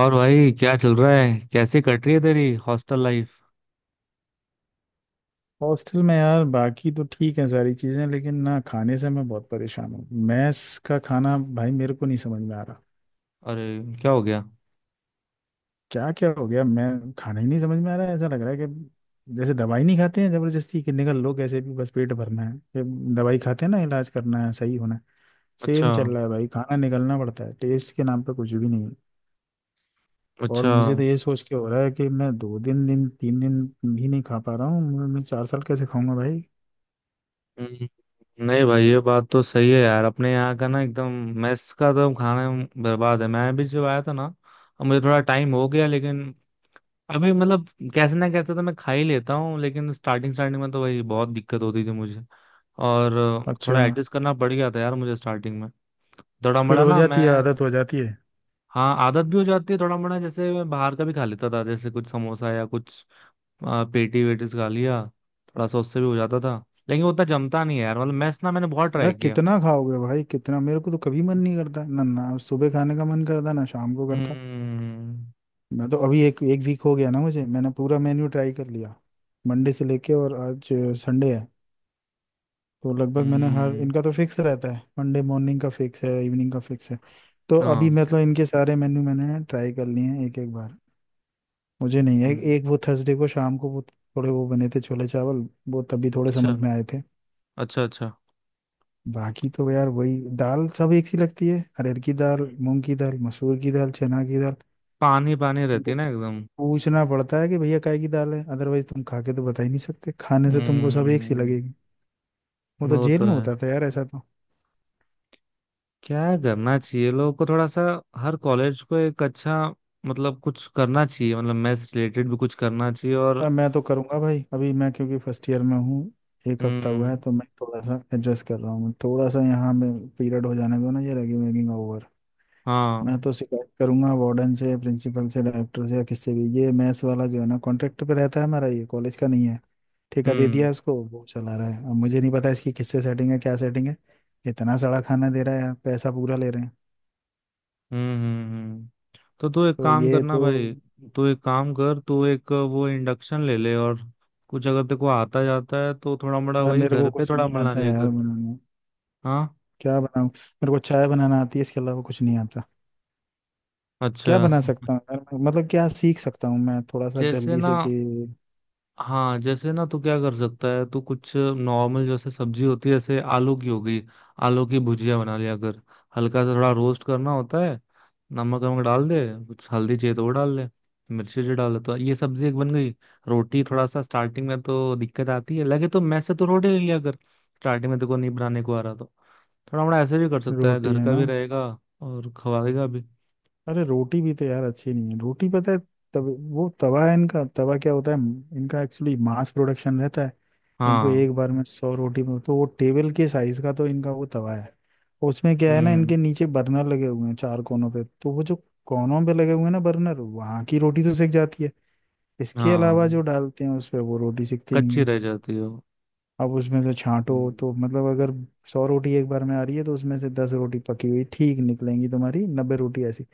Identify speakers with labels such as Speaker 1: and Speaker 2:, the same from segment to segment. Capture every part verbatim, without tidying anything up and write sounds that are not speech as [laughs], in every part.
Speaker 1: और भाई, क्या चल रहा है? कैसे कट रही है तेरी हॉस्टल लाइफ?
Speaker 2: हॉस्टल में यार बाकी तो ठीक है सारी चीज़ें, लेकिन ना खाने से मैं बहुत परेशान हूँ। मैस का खाना भाई मेरे को नहीं समझ में आ रहा।
Speaker 1: अरे, क्या हो गया?
Speaker 2: क्या क्या हो गया, मैं खाना ही नहीं समझ में आ रहा है, ऐसा लग रहा है कि जैसे दवाई नहीं खाते हैं जबरदस्ती, कि निकल लो कैसे भी, बस पेट भरना है, कि दवाई खाते हैं ना इलाज करना है सही होना है।
Speaker 1: अच्छा।
Speaker 2: सेम चल रहा है भाई, खाना निकलना पड़ता है, टेस्ट के नाम पे कुछ भी नहीं है। और
Speaker 1: अच्छा।
Speaker 2: मुझे तो ये सोच के हो रहा है कि मैं दो दिन दिन तीन दिन भी नहीं खा पा रहा हूँ, मैं मैं चार साल कैसे खाऊंगा भाई।
Speaker 1: हम्म, नहीं भाई, ये बात तो सही है यार। अपने यहाँ का ना एकदम मेस का तो खाना बर्बाद है। मैं भी जब आया था ना, अब मुझे थोड़ा टाइम हो गया, लेकिन अभी मतलब कैसे ना कैसे तो मैं खा ही लेता हूँ। लेकिन स्टार्टिंग स्टार्टिंग में तो भाई बहुत दिक्कत होती थी मुझे। और अ,
Speaker 2: अच्छा।
Speaker 1: थोड़ा एडजस्ट करना पड़ गया था यार मुझे स्टार्टिंग में। थोड़ा
Speaker 2: फिर
Speaker 1: बड़ा
Speaker 2: हो
Speaker 1: ना
Speaker 2: जाती है
Speaker 1: मैं।
Speaker 2: आदत, हो जाती है।
Speaker 1: हाँ, आदत भी हो जाती है थोड़ा मोड़ा। जैसे मैं बाहर का भी खा लेता था, जैसे कुछ समोसा या कुछ आ, पेटी वेटीस खा लिया, थोड़ा सा उससे भी हो जाता था। लेकिन वो उतना जमता नहीं है यार। मतलब मैस ना, मैंने बहुत
Speaker 2: यार
Speaker 1: ट्राई किया।
Speaker 2: कितना खाओगे भाई कितना, मेरे को तो कभी मन नहीं करता, ना ना सुबह खाने का मन करता ना शाम को करता।
Speaker 1: हम्म।
Speaker 2: मैं तो अभी एक एक वीक हो गया ना मुझे, मैंने पूरा मेन्यू ट्राई कर लिया मंडे से लेके, और आज संडे है। तो लगभग मैंने हर,
Speaker 1: हम्म,
Speaker 2: इनका तो फिक्स रहता है, मंडे मॉर्निंग का फिक्स है, इवनिंग का फिक्स है। तो अभी
Speaker 1: हाँ।
Speaker 2: मतलब इनके सारे मेन्यू मैंने ट्राई कर लिए हैं एक एक बार। मुझे नहीं है,
Speaker 1: हम्म।
Speaker 2: एक वो थर्सडे को शाम को वो थोड़े वो बने थे छोले चावल, वो तभी थोड़े
Speaker 1: अच्छा।
Speaker 2: समझ में आए थे।
Speaker 1: अच्छा। अच्छा।
Speaker 2: बाकी तो यार वही दाल सब एक सी लगती है, अरहर की दाल, मूंग की दाल, मसूर की दाल, चना की दाल।
Speaker 1: पानी पानी रहती
Speaker 2: तुमको
Speaker 1: है ना एकदम।
Speaker 2: पूछना पड़ता है कि भैया काय की दाल है, अदरवाइज तुम खा के तो बता ही नहीं सकते, खाने से तुमको सब एक सी
Speaker 1: हम्म,
Speaker 2: लगेगी। वो तो
Speaker 1: वो
Speaker 2: जेल
Speaker 1: तो
Speaker 2: में
Speaker 1: है।
Speaker 2: होता था यार ऐसा तो।
Speaker 1: क्या करना चाहिए लोगों को थोड़ा सा। हर कॉलेज को एक अच्छा मतलब कुछ करना चाहिए, मतलब मैथ्स रिलेटेड भी कुछ करना चाहिए और
Speaker 2: अब मैं तो करूंगा भाई, अभी मैं क्योंकि फर्स्ट ईयर में हूँ, एक हफ्ता हुआ है,
Speaker 1: हम्म।
Speaker 2: तो मैं थोड़ा सा एडजस्ट कर रहा हूँ थोड़ा सा, यहाँ में पीरियड हो जाने दो ना, ये रैगिंग वैगिंग ओवर। मैं
Speaker 1: हाँ।
Speaker 2: तो शिकायत करूंगा वार्डन से, प्रिंसिपल से, डायरेक्टर से, या किससे भी। ये मैथ्स वाला जो है ना कॉन्ट्रैक्ट पे रहता है, हमारा ये कॉलेज का नहीं है। ठेका दे दिया
Speaker 1: हम्म।
Speaker 2: है उसको, वो चला रहा है। अब मुझे नहीं पता इसकी किससे सेटिंग है, क्या सेटिंग है। इतना सड़ा खाना दे रहा है यार, पैसा पूरा ले रहे हैं।
Speaker 1: हम्म। हम्म। हम्म। तो तू एक
Speaker 2: तो
Speaker 1: काम
Speaker 2: ये
Speaker 1: करना
Speaker 2: तो।
Speaker 1: भाई, तू एक काम कर। तू एक वो इंडक्शन ले ले, और कुछ अगर तेरे को आता जाता है तो थोड़ा मोड़ा
Speaker 2: यार
Speaker 1: वही
Speaker 2: मेरे को
Speaker 1: घर पे
Speaker 2: कुछ
Speaker 1: थोड़ा
Speaker 2: नहीं
Speaker 1: बना
Speaker 2: आता है
Speaker 1: लिया
Speaker 2: यार
Speaker 1: कर।
Speaker 2: बनाना।
Speaker 1: हाँ।
Speaker 2: क्या बनाऊं, मेरे को चाय बनाना आती है, इसके अलावा कुछ नहीं आता। क्या बना
Speaker 1: अच्छा,
Speaker 2: सकता हूँ यार मैं? मतलब क्या सीख सकता हूँ मैं थोड़ा सा
Speaker 1: जैसे
Speaker 2: जल्दी
Speaker 1: ना।
Speaker 2: से, कि
Speaker 1: हाँ जैसे ना तो क्या कर सकता है, तो कुछ नॉर्मल, जैसे सब्जी होती है, जैसे आलू की हो गई। आलू की भुजिया बना लिया, अगर हल्का सा थोड़ा रोस्ट करना होता है, नमक वमक डाल दे, कुछ हल्दी चाहिए तो वो डाल ले, मिर्ची जी डाल ले, तो ये सब्जी एक बन गई। रोटी थोड़ा सा स्टार्टिंग में तो दिक्कत आती है, लगे तो मैस से तो रोटी ले लिया कर। स्टार्टिंग में देखो नहीं बनाने को आ रहा, तो थोड़ा मोड़ा ऐसे भी कर सकता है,
Speaker 2: रोटी
Speaker 1: घर
Speaker 2: है
Speaker 1: का
Speaker 2: ना।
Speaker 1: भी रहेगा और खवाएगा भी।
Speaker 2: अरे रोटी भी तो यार अच्छी नहीं है, रोटी पता है तब। वो तवा है इनका, तवा क्या होता है इनका, एक्चुअली मास प्रोडक्शन रहता है। इनको
Speaker 1: हाँ।
Speaker 2: एक बार में सौ रोटी, में तो वो टेबल के साइज का तो इनका वो तवा है। उसमें क्या है ना,
Speaker 1: हम्म।
Speaker 2: इनके नीचे बर्नर लगे हुए हैं चार कोनों पे, तो वो जो कोनों पे लगे हुए हैं ना बर्नर, वहां की रोटी तो सिक जाती है। इसके अलावा जो
Speaker 1: हाँ,
Speaker 2: डालते हैं उस पे वो रोटी सिकती नहीं
Speaker 1: कच्ची
Speaker 2: है।
Speaker 1: रह जाती है वो।
Speaker 2: अब उसमें से छांटो
Speaker 1: हम्म।
Speaker 2: तो मतलब, अगर सौ रोटी एक बार में आ रही है, तो उसमें से दस रोटी पकी हुई ठीक निकलेंगी, तुम्हारी नब्बे रोटी ऐसी।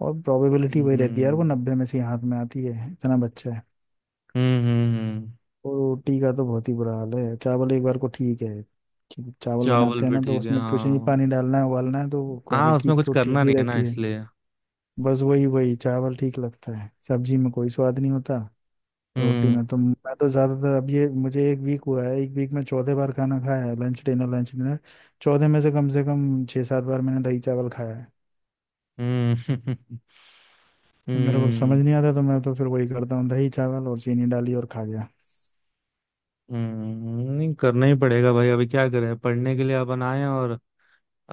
Speaker 2: और प्रोबेबिलिटी वही रहती है यार, वो
Speaker 1: हम्म।
Speaker 2: नब्बे में से ही हाथ में आती है, इतना बच्चा है।
Speaker 1: हम्म। हम्म। हम्म।
Speaker 2: और रोटी का तो बहुत ही बुरा हाल है, चावल एक बार को ठीक है। कि चावल
Speaker 1: चावल
Speaker 2: बनाते हैं
Speaker 1: भी
Speaker 2: ना तो
Speaker 1: ठीक है।
Speaker 2: उसमें कुछ नहीं,
Speaker 1: हाँ,
Speaker 2: पानी डालना है उबालना है, तो
Speaker 1: हाँ
Speaker 2: क्वालिटी
Speaker 1: उसमें कुछ
Speaker 2: तो
Speaker 1: करना
Speaker 2: ठीक ही
Speaker 1: नहीं है ना
Speaker 2: रहती है।
Speaker 1: इसलिए।
Speaker 2: बस वही वही चावल ठीक लगता है, सब्जी में कोई स्वाद नहीं होता। रोटी
Speaker 1: हम्म।
Speaker 2: में तो मैं तो ज्यादातर, अब ये मुझे एक वीक हुआ है, एक वीक में चौथे बार खाना खाया है, लंच डिनर लंच डिनर। चौथे में से कम से कम छः सात बार मैंने दही चावल खाया है।
Speaker 1: हम्म। [laughs]
Speaker 2: तो मेरे को समझ
Speaker 1: हम्म।
Speaker 2: नहीं आता, तो मैं तो फिर वही करता हूँ, दही चावल और चीनी डाली और खा गया।
Speaker 1: हम्म, नहीं करना ही पड़ेगा भाई, अभी क्या करें, पढ़ने के लिए अपन आए हैं, और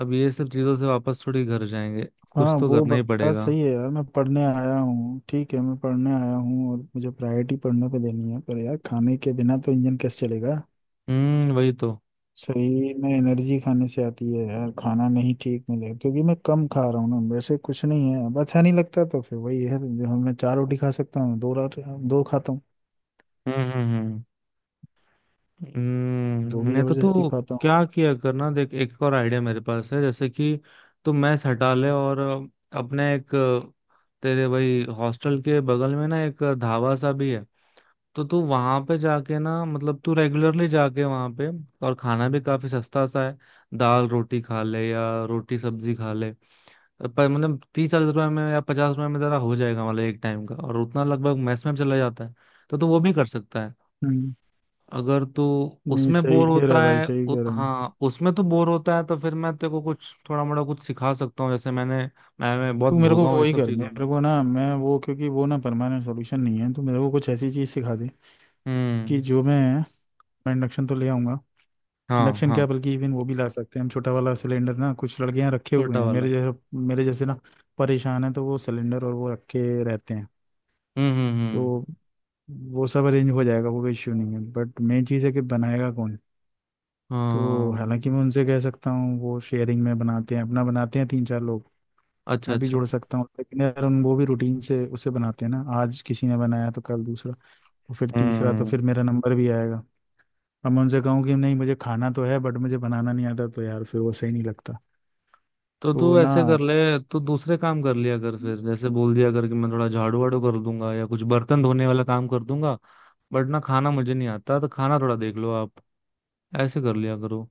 Speaker 1: अब ये सब चीजों से वापस थोड़ी घर जाएंगे। कुछ
Speaker 2: हाँ,
Speaker 1: तो
Speaker 2: वो
Speaker 1: करना
Speaker 2: बा-
Speaker 1: ही
Speaker 2: बात
Speaker 1: पड़ेगा।
Speaker 2: सही है यार, मैं पढ़ने आया हूँ ठीक है, मैं पढ़ने आया हूँ और मुझे प्रायोरिटी पढ़ने पे देनी है, पर यार खाने के बिना तो इंजन कैसे चलेगा।
Speaker 1: हम्म, वही तो।
Speaker 2: शरीर में एनर्जी खाने से आती है यार, खाना नहीं ठीक मिले, क्योंकि मैं कम खा रहा हूँ ना, वैसे कुछ नहीं है, अब अच्छा नहीं लगता तो फिर वही है, जो हम- मैं चार रोटी खा सकता हूँ, दो रात दो खाता हूँ,
Speaker 1: हम्म। हम्म। हम्म।
Speaker 2: दो
Speaker 1: हम्म,
Speaker 2: भी
Speaker 1: नहीं तो तू
Speaker 2: जबरदस्ती खाता हूँ।
Speaker 1: क्या किया करना, देख एक और आइडिया मेरे पास है, जैसे कि तू मैस हटा ले, और अ, अपने एक अ, तेरे भाई हॉस्टल के बगल में ना एक ढाबा सा भी है। तो तू वहां पे जाके ना, मतलब तू रेगुलरली जाके वहां पे, और खाना भी काफी सस्ता सा है, दाल रोटी खा ले या रोटी सब्जी खा ले, पर मतलब तीस चालीस रुपए में या पचास रुपए में तेरा हो जाएगा मतलब एक टाइम का, और उतना लगभग मैस में भी चला जाता है। तो तू वो भी कर सकता है।
Speaker 2: हम्म,
Speaker 1: अगर तू
Speaker 2: नहीं
Speaker 1: उसमें
Speaker 2: सही
Speaker 1: बोर
Speaker 2: कह रहा है
Speaker 1: होता
Speaker 2: भाई,
Speaker 1: है
Speaker 2: सही
Speaker 1: उ,
Speaker 2: कह रहा है।
Speaker 1: हाँ उसमें तो बोर होता है, तो फिर मैं तेरे को कुछ थोड़ा मोड़ा कुछ सिखा सकता हूँ। जैसे मैंने मैं, मैं बहुत
Speaker 2: तू मेरे को
Speaker 1: भोगा हूँ ये
Speaker 2: वही
Speaker 1: सब
Speaker 2: कर,
Speaker 1: चीजों में।
Speaker 2: मेरे को ना मैं वो, क्योंकि वो ना परमानेंट सॉल्यूशन नहीं है, तो मेरे को कुछ ऐसी चीज सिखा दे कि
Speaker 1: हम्म।
Speaker 2: जो मैं मैं इंडक्शन तो ले आऊंगा।
Speaker 1: हाँ।
Speaker 2: इंडक्शन
Speaker 1: हाँ,
Speaker 2: क्या, बल्कि इवन वो भी ला सकते हैं हम, छोटा वाला सिलेंडर ना, कुछ लड़के यहाँ रखे हुए
Speaker 1: छोटा
Speaker 2: हैं
Speaker 1: वाला।
Speaker 2: मेरे जैसे, मेरे जैसे ना परेशान है, तो वो सिलेंडर और वो रखे रहते हैं।
Speaker 1: हम्म। हम्म। हम्म।
Speaker 2: तो वो सब अरेंज हो जाएगा, वो कोई इश्यू नहीं है, बट मेन चीज़ है कि बनाएगा कौन। तो
Speaker 1: हाँ।
Speaker 2: हालांकि मैं उनसे कह सकता हूँ, वो शेयरिंग में बनाते हैं, अपना बनाते हैं तीन चार लोग,
Speaker 1: अच्छा।
Speaker 2: मैं भी
Speaker 1: अच्छा।
Speaker 2: जोड़ सकता हूँ, लेकिन यार उन वो भी रूटीन से उसे बनाते हैं ना, आज किसी ने बनाया तो कल दूसरा, तो फिर तीसरा, तो
Speaker 1: हम्म,
Speaker 2: फिर मेरा नंबर भी आएगा। अब मैं उनसे कहूँ कि नहीं मुझे खाना तो है, बट मुझे बनाना नहीं आता, तो यार फिर वो सही नहीं लगता।
Speaker 1: तो तू
Speaker 2: तो
Speaker 1: ऐसे कर
Speaker 2: ना,
Speaker 1: ले। तू दूसरे काम कर लिया कर, फिर जैसे बोल दिया कर कि मैं थोड़ा झाड़ू वाड़ू कर दूंगा या कुछ बर्तन धोने वाला काम कर दूंगा, बट ना खाना मुझे नहीं आता, तो खाना थोड़ा देख लो आप, ऐसे कर लिया करो।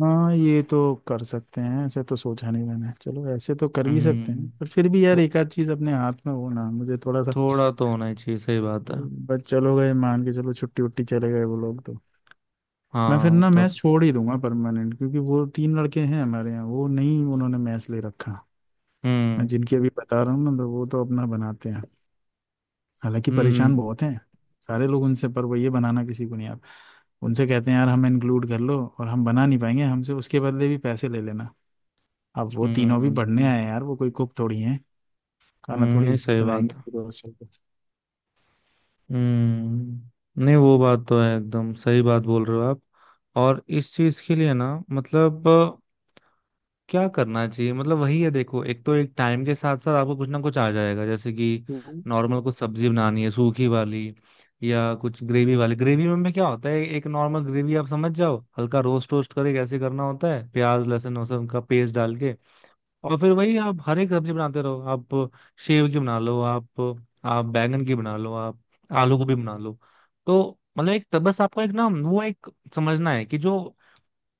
Speaker 2: ना ये तो कर सकते हैं, ऐसे तो सोचा नहीं मैंने, चलो ऐसे तो कर भी सकते हैं,
Speaker 1: हम्म।
Speaker 2: पर फिर भी यार एक आध चीज़ अपने हाथ में हो ना, मुझे थोड़ा सा।
Speaker 1: थोड़ा तो होना ही चाहिए, सही बात है।
Speaker 2: बट चलो, गए मान के, चलो छुट्टी उट्टी चले गए वो लोग, तो मैं फिर
Speaker 1: हाँ
Speaker 2: ना मैच
Speaker 1: तब।
Speaker 2: छोड़ ही दूंगा परमानेंट, क्योंकि वो तीन लड़के हैं हमारे यहाँ, वो नहीं उन्होंने मैच ले रखा, मैं
Speaker 1: हम्म।
Speaker 2: जिनकी अभी बता रहा हूँ ना, तो वो तो अपना बनाते हैं। हालांकि
Speaker 1: हम्म।
Speaker 2: परेशान बहुत हैं सारे लोग उनसे, पर वो ये बनाना किसी को नहीं आता। उनसे कहते हैं यार हमें इंक्लूड कर लो, और हम बना नहीं पाएंगे, हमसे उसके बदले भी पैसे ले लेना। अब वो तीनों भी पढ़ने
Speaker 1: हम्म।
Speaker 2: आए हैं यार, वो कोई कुक थोड़ी हैं। खाना
Speaker 1: हम्म, नहीं
Speaker 2: थोड़ी
Speaker 1: सही बात
Speaker 2: खिलाएंगे
Speaker 1: है।
Speaker 2: पूरे हॉस्टल को।
Speaker 1: हम्म, नहीं वो बात तो है, एकदम सही बात बोल रहे हो आप। और इस चीज के लिए ना मतलब अ, क्या करना चाहिए, मतलब वही है देखो, एक तो एक टाइम के साथ साथ आपको कुछ ना कुछ आ जाएगा, जैसे कि
Speaker 2: [laughs]
Speaker 1: नॉर्मल
Speaker 2: हम्म।
Speaker 1: कुछ सब्जी बनानी है सूखी वाली, या कुछ ग्रेवी वाली। ग्रेवी में में क्या होता है एक नॉर्मल ग्रेवी आप समझ जाओ, हल्का रोस्ट रोस्ट करके कैसे करना होता है, प्याज लहसुन वो सब का पेस्ट डाल के, और फिर वही आप हर एक सब्जी बनाते रहो। आप सेव की बना लो, आप आप बैंगन की बना लो, आप आलू गोभी बना लो। तो मतलब एक तब बस आपको एक ना वो एक समझना है कि जो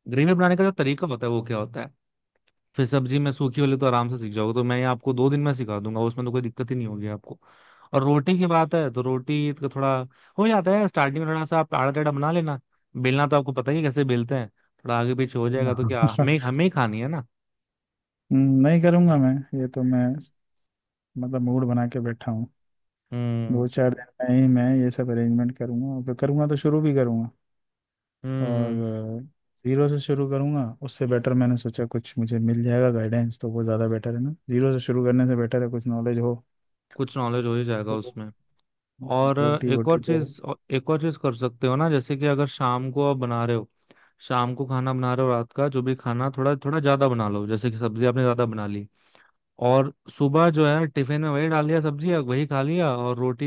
Speaker 1: ग्रेवी बनाने का जो तरीका होता है वो क्या होता है। फिर सब्जी में सूखी वाली तो आराम से सीख जाओगे, तो मैं आपको दो दिन में सिखा दूंगा, उसमें तो कोई दिक्कत ही नहीं होगी आपको। और रोटी की बात है तो रोटी का थोड़ा हो जाता है स्टार्टिंग में, थोड़ा सा आप आड़ा टेढ़ा बना लेना, बेलना तो आपको पता ही है कैसे बेलते हैं। थोड़ा आगे पीछे हो जाएगा तो क्या,
Speaker 2: हाँ।
Speaker 1: हमें हमें ही खानी है ना।
Speaker 2: नहीं करूंगा मैं, ये तो मैं मतलब मूड बना के बैठा हूँ।
Speaker 1: हम्म।
Speaker 2: दो चार दिन में ही मैं ये सब अरेंजमेंट करूंगा, और फिर करूंगा तो शुरू भी करूंगा।
Speaker 1: हम्म।
Speaker 2: और
Speaker 1: हम्म। हम्म।
Speaker 2: जीरो से शुरू करूंगा उससे बेटर, मैंने सोचा कुछ मुझे मिल जाएगा गाइडेंस, तो वो ज़्यादा बेटर है ना, जीरो से शुरू करने से बेटर है कुछ नॉलेज हो।
Speaker 1: कुछ नॉलेज हो ही जाएगा
Speaker 2: तो
Speaker 1: उसमें। और अ,
Speaker 2: रोटी
Speaker 1: एक
Speaker 2: वोटी
Speaker 1: और
Speaker 2: तो।
Speaker 1: चीज, और एक और चीज कर सकते हो ना, जैसे कि अगर शाम को आप बना रहे हो, शाम को खाना बना रहे हो रात का, जो भी खाना थोड़ा थोड़ा ज्यादा बना लो, जैसे कि सब्जी आपने ज्यादा बना ली, और सुबह जो है टिफिन में वही डाल लिया सब्जी, और वही खा लिया। और रोटी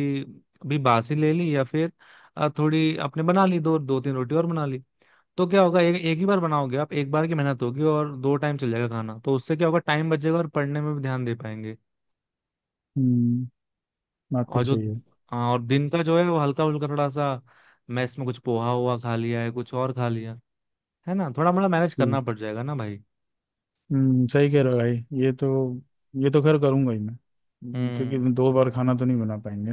Speaker 1: भी बासी ले ली, या फिर अ, थोड़ी आपने बना ली, दो दो तीन रोटी और बना ली। तो क्या होगा, एक एक ही बार बनाओगे आप, एक बार की मेहनत होगी और दो टाइम चल जाएगा खाना। तो उससे क्या होगा, टाइम बचेगा और पढ़ने में भी ध्यान दे पाएंगे।
Speaker 2: हम्म बात तो
Speaker 1: और जो,
Speaker 2: सही है।
Speaker 1: हाँ, और दिन का जो है वो हल्का फुल्का थोड़ा सा मैस में कुछ पोहा हुआ खा लिया है, कुछ और खा लिया है ना, थोड़ा मोड़ा मैनेज करना
Speaker 2: ठीक।
Speaker 1: पड़ जाएगा ना भाई।
Speaker 2: हम्म सही कह रहे हो भाई। ये तो ये तो खैर करूंगा ही मैं, हम्म, क्योंकि
Speaker 1: हम्म,
Speaker 2: दो बार खाना तो नहीं बना पाएंगे।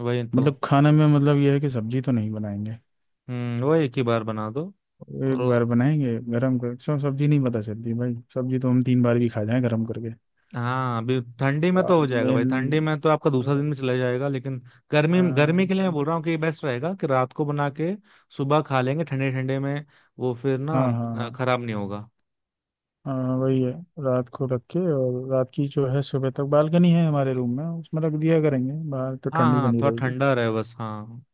Speaker 1: वही तो।
Speaker 2: मतलब खाने में मतलब ये है कि सब्जी तो नहीं बनाएंगे,
Speaker 1: हम्म, वही एक ही बार बना दो। और
Speaker 2: एक
Speaker 1: वो-
Speaker 2: बार बनाएंगे गरम कर, सब सब्जी नहीं पता चलती भाई, सब्जी तो हम तीन बार भी खा जाएं गरम करके।
Speaker 1: हाँ, अभी ठंडी में तो हो जाएगा भाई, ठंडी में तो आपका दूसरा
Speaker 2: मेन।
Speaker 1: दिन भी चला जाएगा। लेकिन गर्मी गर्मी के लिए मैं बोल रहा हूँ कि बेस्ट रहेगा कि रात को बना के सुबह खा लेंगे ठंडे ठंडे में, वो फिर ना
Speaker 2: हाँ हाँ
Speaker 1: अ,
Speaker 2: हाँ।
Speaker 1: खराब नहीं होगा।
Speaker 2: हाँ वही है, रात को रख के, और रात की जो है सुबह तक बालकनी है हमारे रूम में, उसमें रख दिया करेंगे, बाहर तो
Speaker 1: हाँ,
Speaker 2: ठंडी
Speaker 1: हाँ
Speaker 2: बनी
Speaker 1: थोड़ा
Speaker 2: रहेगी।
Speaker 1: ठंडा रहे बस। हाँ,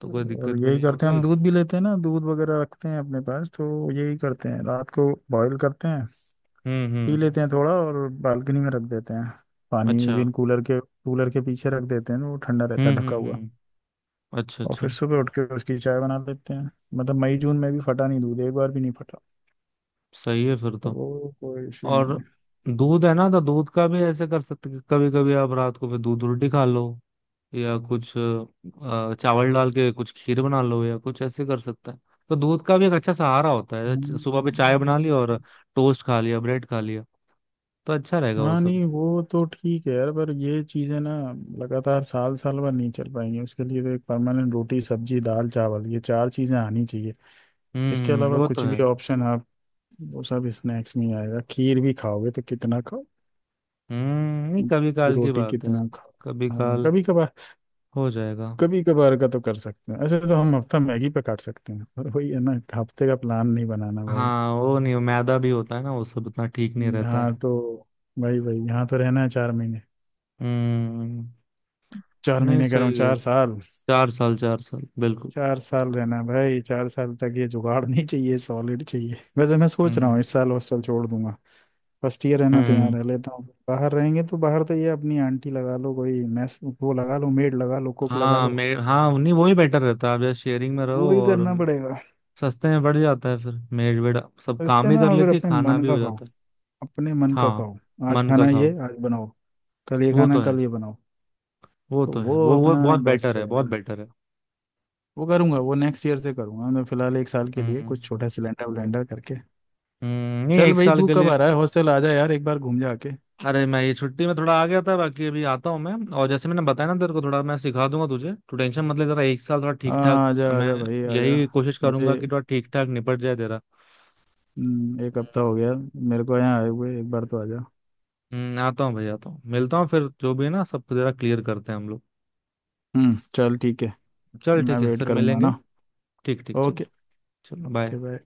Speaker 1: तो कोई दिक्कत
Speaker 2: और
Speaker 1: भी
Speaker 2: यही
Speaker 1: नहीं
Speaker 2: करते हैं
Speaker 1: होगी।
Speaker 2: हम, दूध भी लेते हैं ना, दूध वगैरह रखते हैं अपने पास, तो यही करते हैं, रात को बॉईल करते हैं,
Speaker 1: हम्म।
Speaker 2: पी
Speaker 1: हम्म।
Speaker 2: लेते हैं थोड़ा और बालकनी में रख देते हैं। पानी
Speaker 1: अच्छा।
Speaker 2: विन कूलर के कूलर के पीछे रख देते हैं, तो वो ठंडा रहता
Speaker 1: हम्म।
Speaker 2: है ढका
Speaker 1: हम्म।
Speaker 2: हुआ।
Speaker 1: हम्म। अच्छा।
Speaker 2: और फिर
Speaker 1: अच्छा।
Speaker 2: सुबह उठ के उसकी चाय बना लेते हैं। मतलब मई जून में भी फटा नहीं दूध, एक बार भी नहीं फटा।
Speaker 1: सही है फिर
Speaker 2: तो
Speaker 1: तो।
Speaker 2: वो कोई इशू नहीं
Speaker 1: और
Speaker 2: है।
Speaker 1: दूध है ना, तो दूध का भी ऐसे कर सकते कि कभी कभी आप रात को फिर दूध रोटी खा लो, या कुछ अ, चावल डाल के कुछ खीर बना लो, या कुछ ऐसे कर सकते हैं। तो दूध का भी एक अच्छा सहारा होता है। च-
Speaker 2: हम्म,
Speaker 1: सुबह पे चाय बना ली और टोस्ट खा लिया, ब्रेड खा लिया, तो अच्छा रहेगा वो
Speaker 2: हाँ
Speaker 1: सब।
Speaker 2: नहीं वो तो ठीक है यार, पर ये चीज़ें ना लगातार साल साल भर नहीं चल पाएंगी। उसके लिए तो एक परमानेंट रोटी सब्जी दाल चावल, ये चार चीज़ें आनी चाहिए।
Speaker 1: हम्म।
Speaker 2: इसके
Speaker 1: हम्म,
Speaker 2: अलावा
Speaker 1: वो तो
Speaker 2: कुछ
Speaker 1: है।
Speaker 2: भी ऑप्शन आप, वो सब स्नैक्स में ही आएगा। खीर भी खाओगे तो कितना खाओ,
Speaker 1: हम्म, नहीं कभी काल की
Speaker 2: रोटी
Speaker 1: बात है।
Speaker 2: कितना खाओ।
Speaker 1: कभी
Speaker 2: हाँ
Speaker 1: काल
Speaker 2: कभी कभार।
Speaker 1: हो जाएगा।
Speaker 2: कभी कभार का तो कर सकते हैं, ऐसे तो हम हफ्ता मैगी पे काट सकते हैं, पर वही है ना, हफ्ते का प्लान नहीं बनाना भाई।
Speaker 1: हाँ वो नहीं, मैदा भी होता है ना वो सब, इतना ठीक नहीं
Speaker 2: हम्म,
Speaker 1: रहता है।
Speaker 2: हाँ तो भाई भाई यहाँ तो रहना है चार महीने,
Speaker 1: हम्म।
Speaker 2: चार
Speaker 1: नहीं
Speaker 2: महीने कह रहा हूँ,
Speaker 1: सही है।
Speaker 2: चार साल।
Speaker 1: चार साल, चार साल बिल्कुल।
Speaker 2: चार साल रहना है भाई, चार साल तक ये जुगाड़ नहीं चाहिए, सॉलिड चाहिए। वैसे मैं सोच रहा
Speaker 1: हम्म।
Speaker 2: हूँ इस साल हॉस्टल छोड़ दूंगा, फर्स्ट ईयर रहना तो यहाँ
Speaker 1: हम्म।
Speaker 2: रह लेता हूँ, बाहर रहेंगे तो बाहर तो, ये अपनी आंटी लगा लो कोई, मैस वो लगा लो, मेड लगा लो, कुक लगा
Speaker 1: हाँ,
Speaker 2: लो।
Speaker 1: मेड। हाँ, नहीं वही बेटर रहता है, आप जैसे शेयरिंग में रहो
Speaker 2: वो ही
Speaker 1: और
Speaker 2: करना पड़ेगा,
Speaker 1: सस्ते में पड़ जाता है फिर। मेड वेड सब काम
Speaker 2: रिश्ते
Speaker 1: भी
Speaker 2: में,
Speaker 1: कर
Speaker 2: और फिर
Speaker 1: लेती है,
Speaker 2: अपने
Speaker 1: खाना
Speaker 2: मन
Speaker 1: भी
Speaker 2: का
Speaker 1: हो
Speaker 2: खाओ,
Speaker 1: जाता है।
Speaker 2: अपने मन का
Speaker 1: हाँ,
Speaker 2: खाओ। आज
Speaker 1: मन का
Speaker 2: खाना ये
Speaker 1: खाओ।
Speaker 2: आज बनाओ, कल ये
Speaker 1: वो
Speaker 2: खाना
Speaker 1: तो है।
Speaker 2: कल ये बनाओ।
Speaker 1: वो
Speaker 2: तो
Speaker 1: तो
Speaker 2: वो
Speaker 1: है, वो वो
Speaker 2: अपना
Speaker 1: बहुत
Speaker 2: बेस्ट
Speaker 1: बेटर है, बहुत
Speaker 2: रहेगा।
Speaker 1: बेटर है।
Speaker 2: वो करूंगा, वो नेक्स्ट ईयर से करूंगा, मैं फिलहाल एक साल के लिए
Speaker 1: हम्म।
Speaker 2: कुछ छोटा सिलेंडर विलेंडर करके।
Speaker 1: हम्म, नहीं
Speaker 2: चल
Speaker 1: एक
Speaker 2: भाई
Speaker 1: साल
Speaker 2: तू
Speaker 1: के
Speaker 2: कब
Speaker 1: लिए।
Speaker 2: आ रहा है, हॉस्टल आ जा यार, एक बार घूम जा के।
Speaker 1: अरे, मैं ये छुट्टी में थोड़ा आ गया था, बाकी अभी आता हूँ मैं। और जैसे मैंने बताया ना तेरे को, थोड़ा मैं सिखा दूंगा तुझे, तू टेंशन मत ले जरा, एक साल थोड़ा ठीक ठाक।
Speaker 2: हाँ आजा
Speaker 1: मैं
Speaker 2: आजा भाई आजा।
Speaker 1: यही कोशिश करूंगा
Speaker 2: मुझे
Speaker 1: कि थोड़ा ठीक ठाक निपट जाए तेरा।
Speaker 2: हम्म, एक हफ्ता हो
Speaker 1: हम्म।
Speaker 2: गया मेरे को यहाँ आए हुए, एक बार तो आजा।
Speaker 1: हम्म, आता हूँ भाई, आता हूँ, मिलता हूँ फिर, जो भी है ना सब जरा क्लियर करते हैं हम लोग।
Speaker 2: हम्म चल ठीक है।
Speaker 1: चल
Speaker 2: मैं
Speaker 1: ठीक है,
Speaker 2: वेट
Speaker 1: फिर
Speaker 2: करूँगा
Speaker 1: मिलेंगे।
Speaker 2: ना।
Speaker 1: ठीक ठीक, चल।
Speaker 2: ओके।
Speaker 1: चलो,
Speaker 2: ओके
Speaker 1: बाय।
Speaker 2: बाय।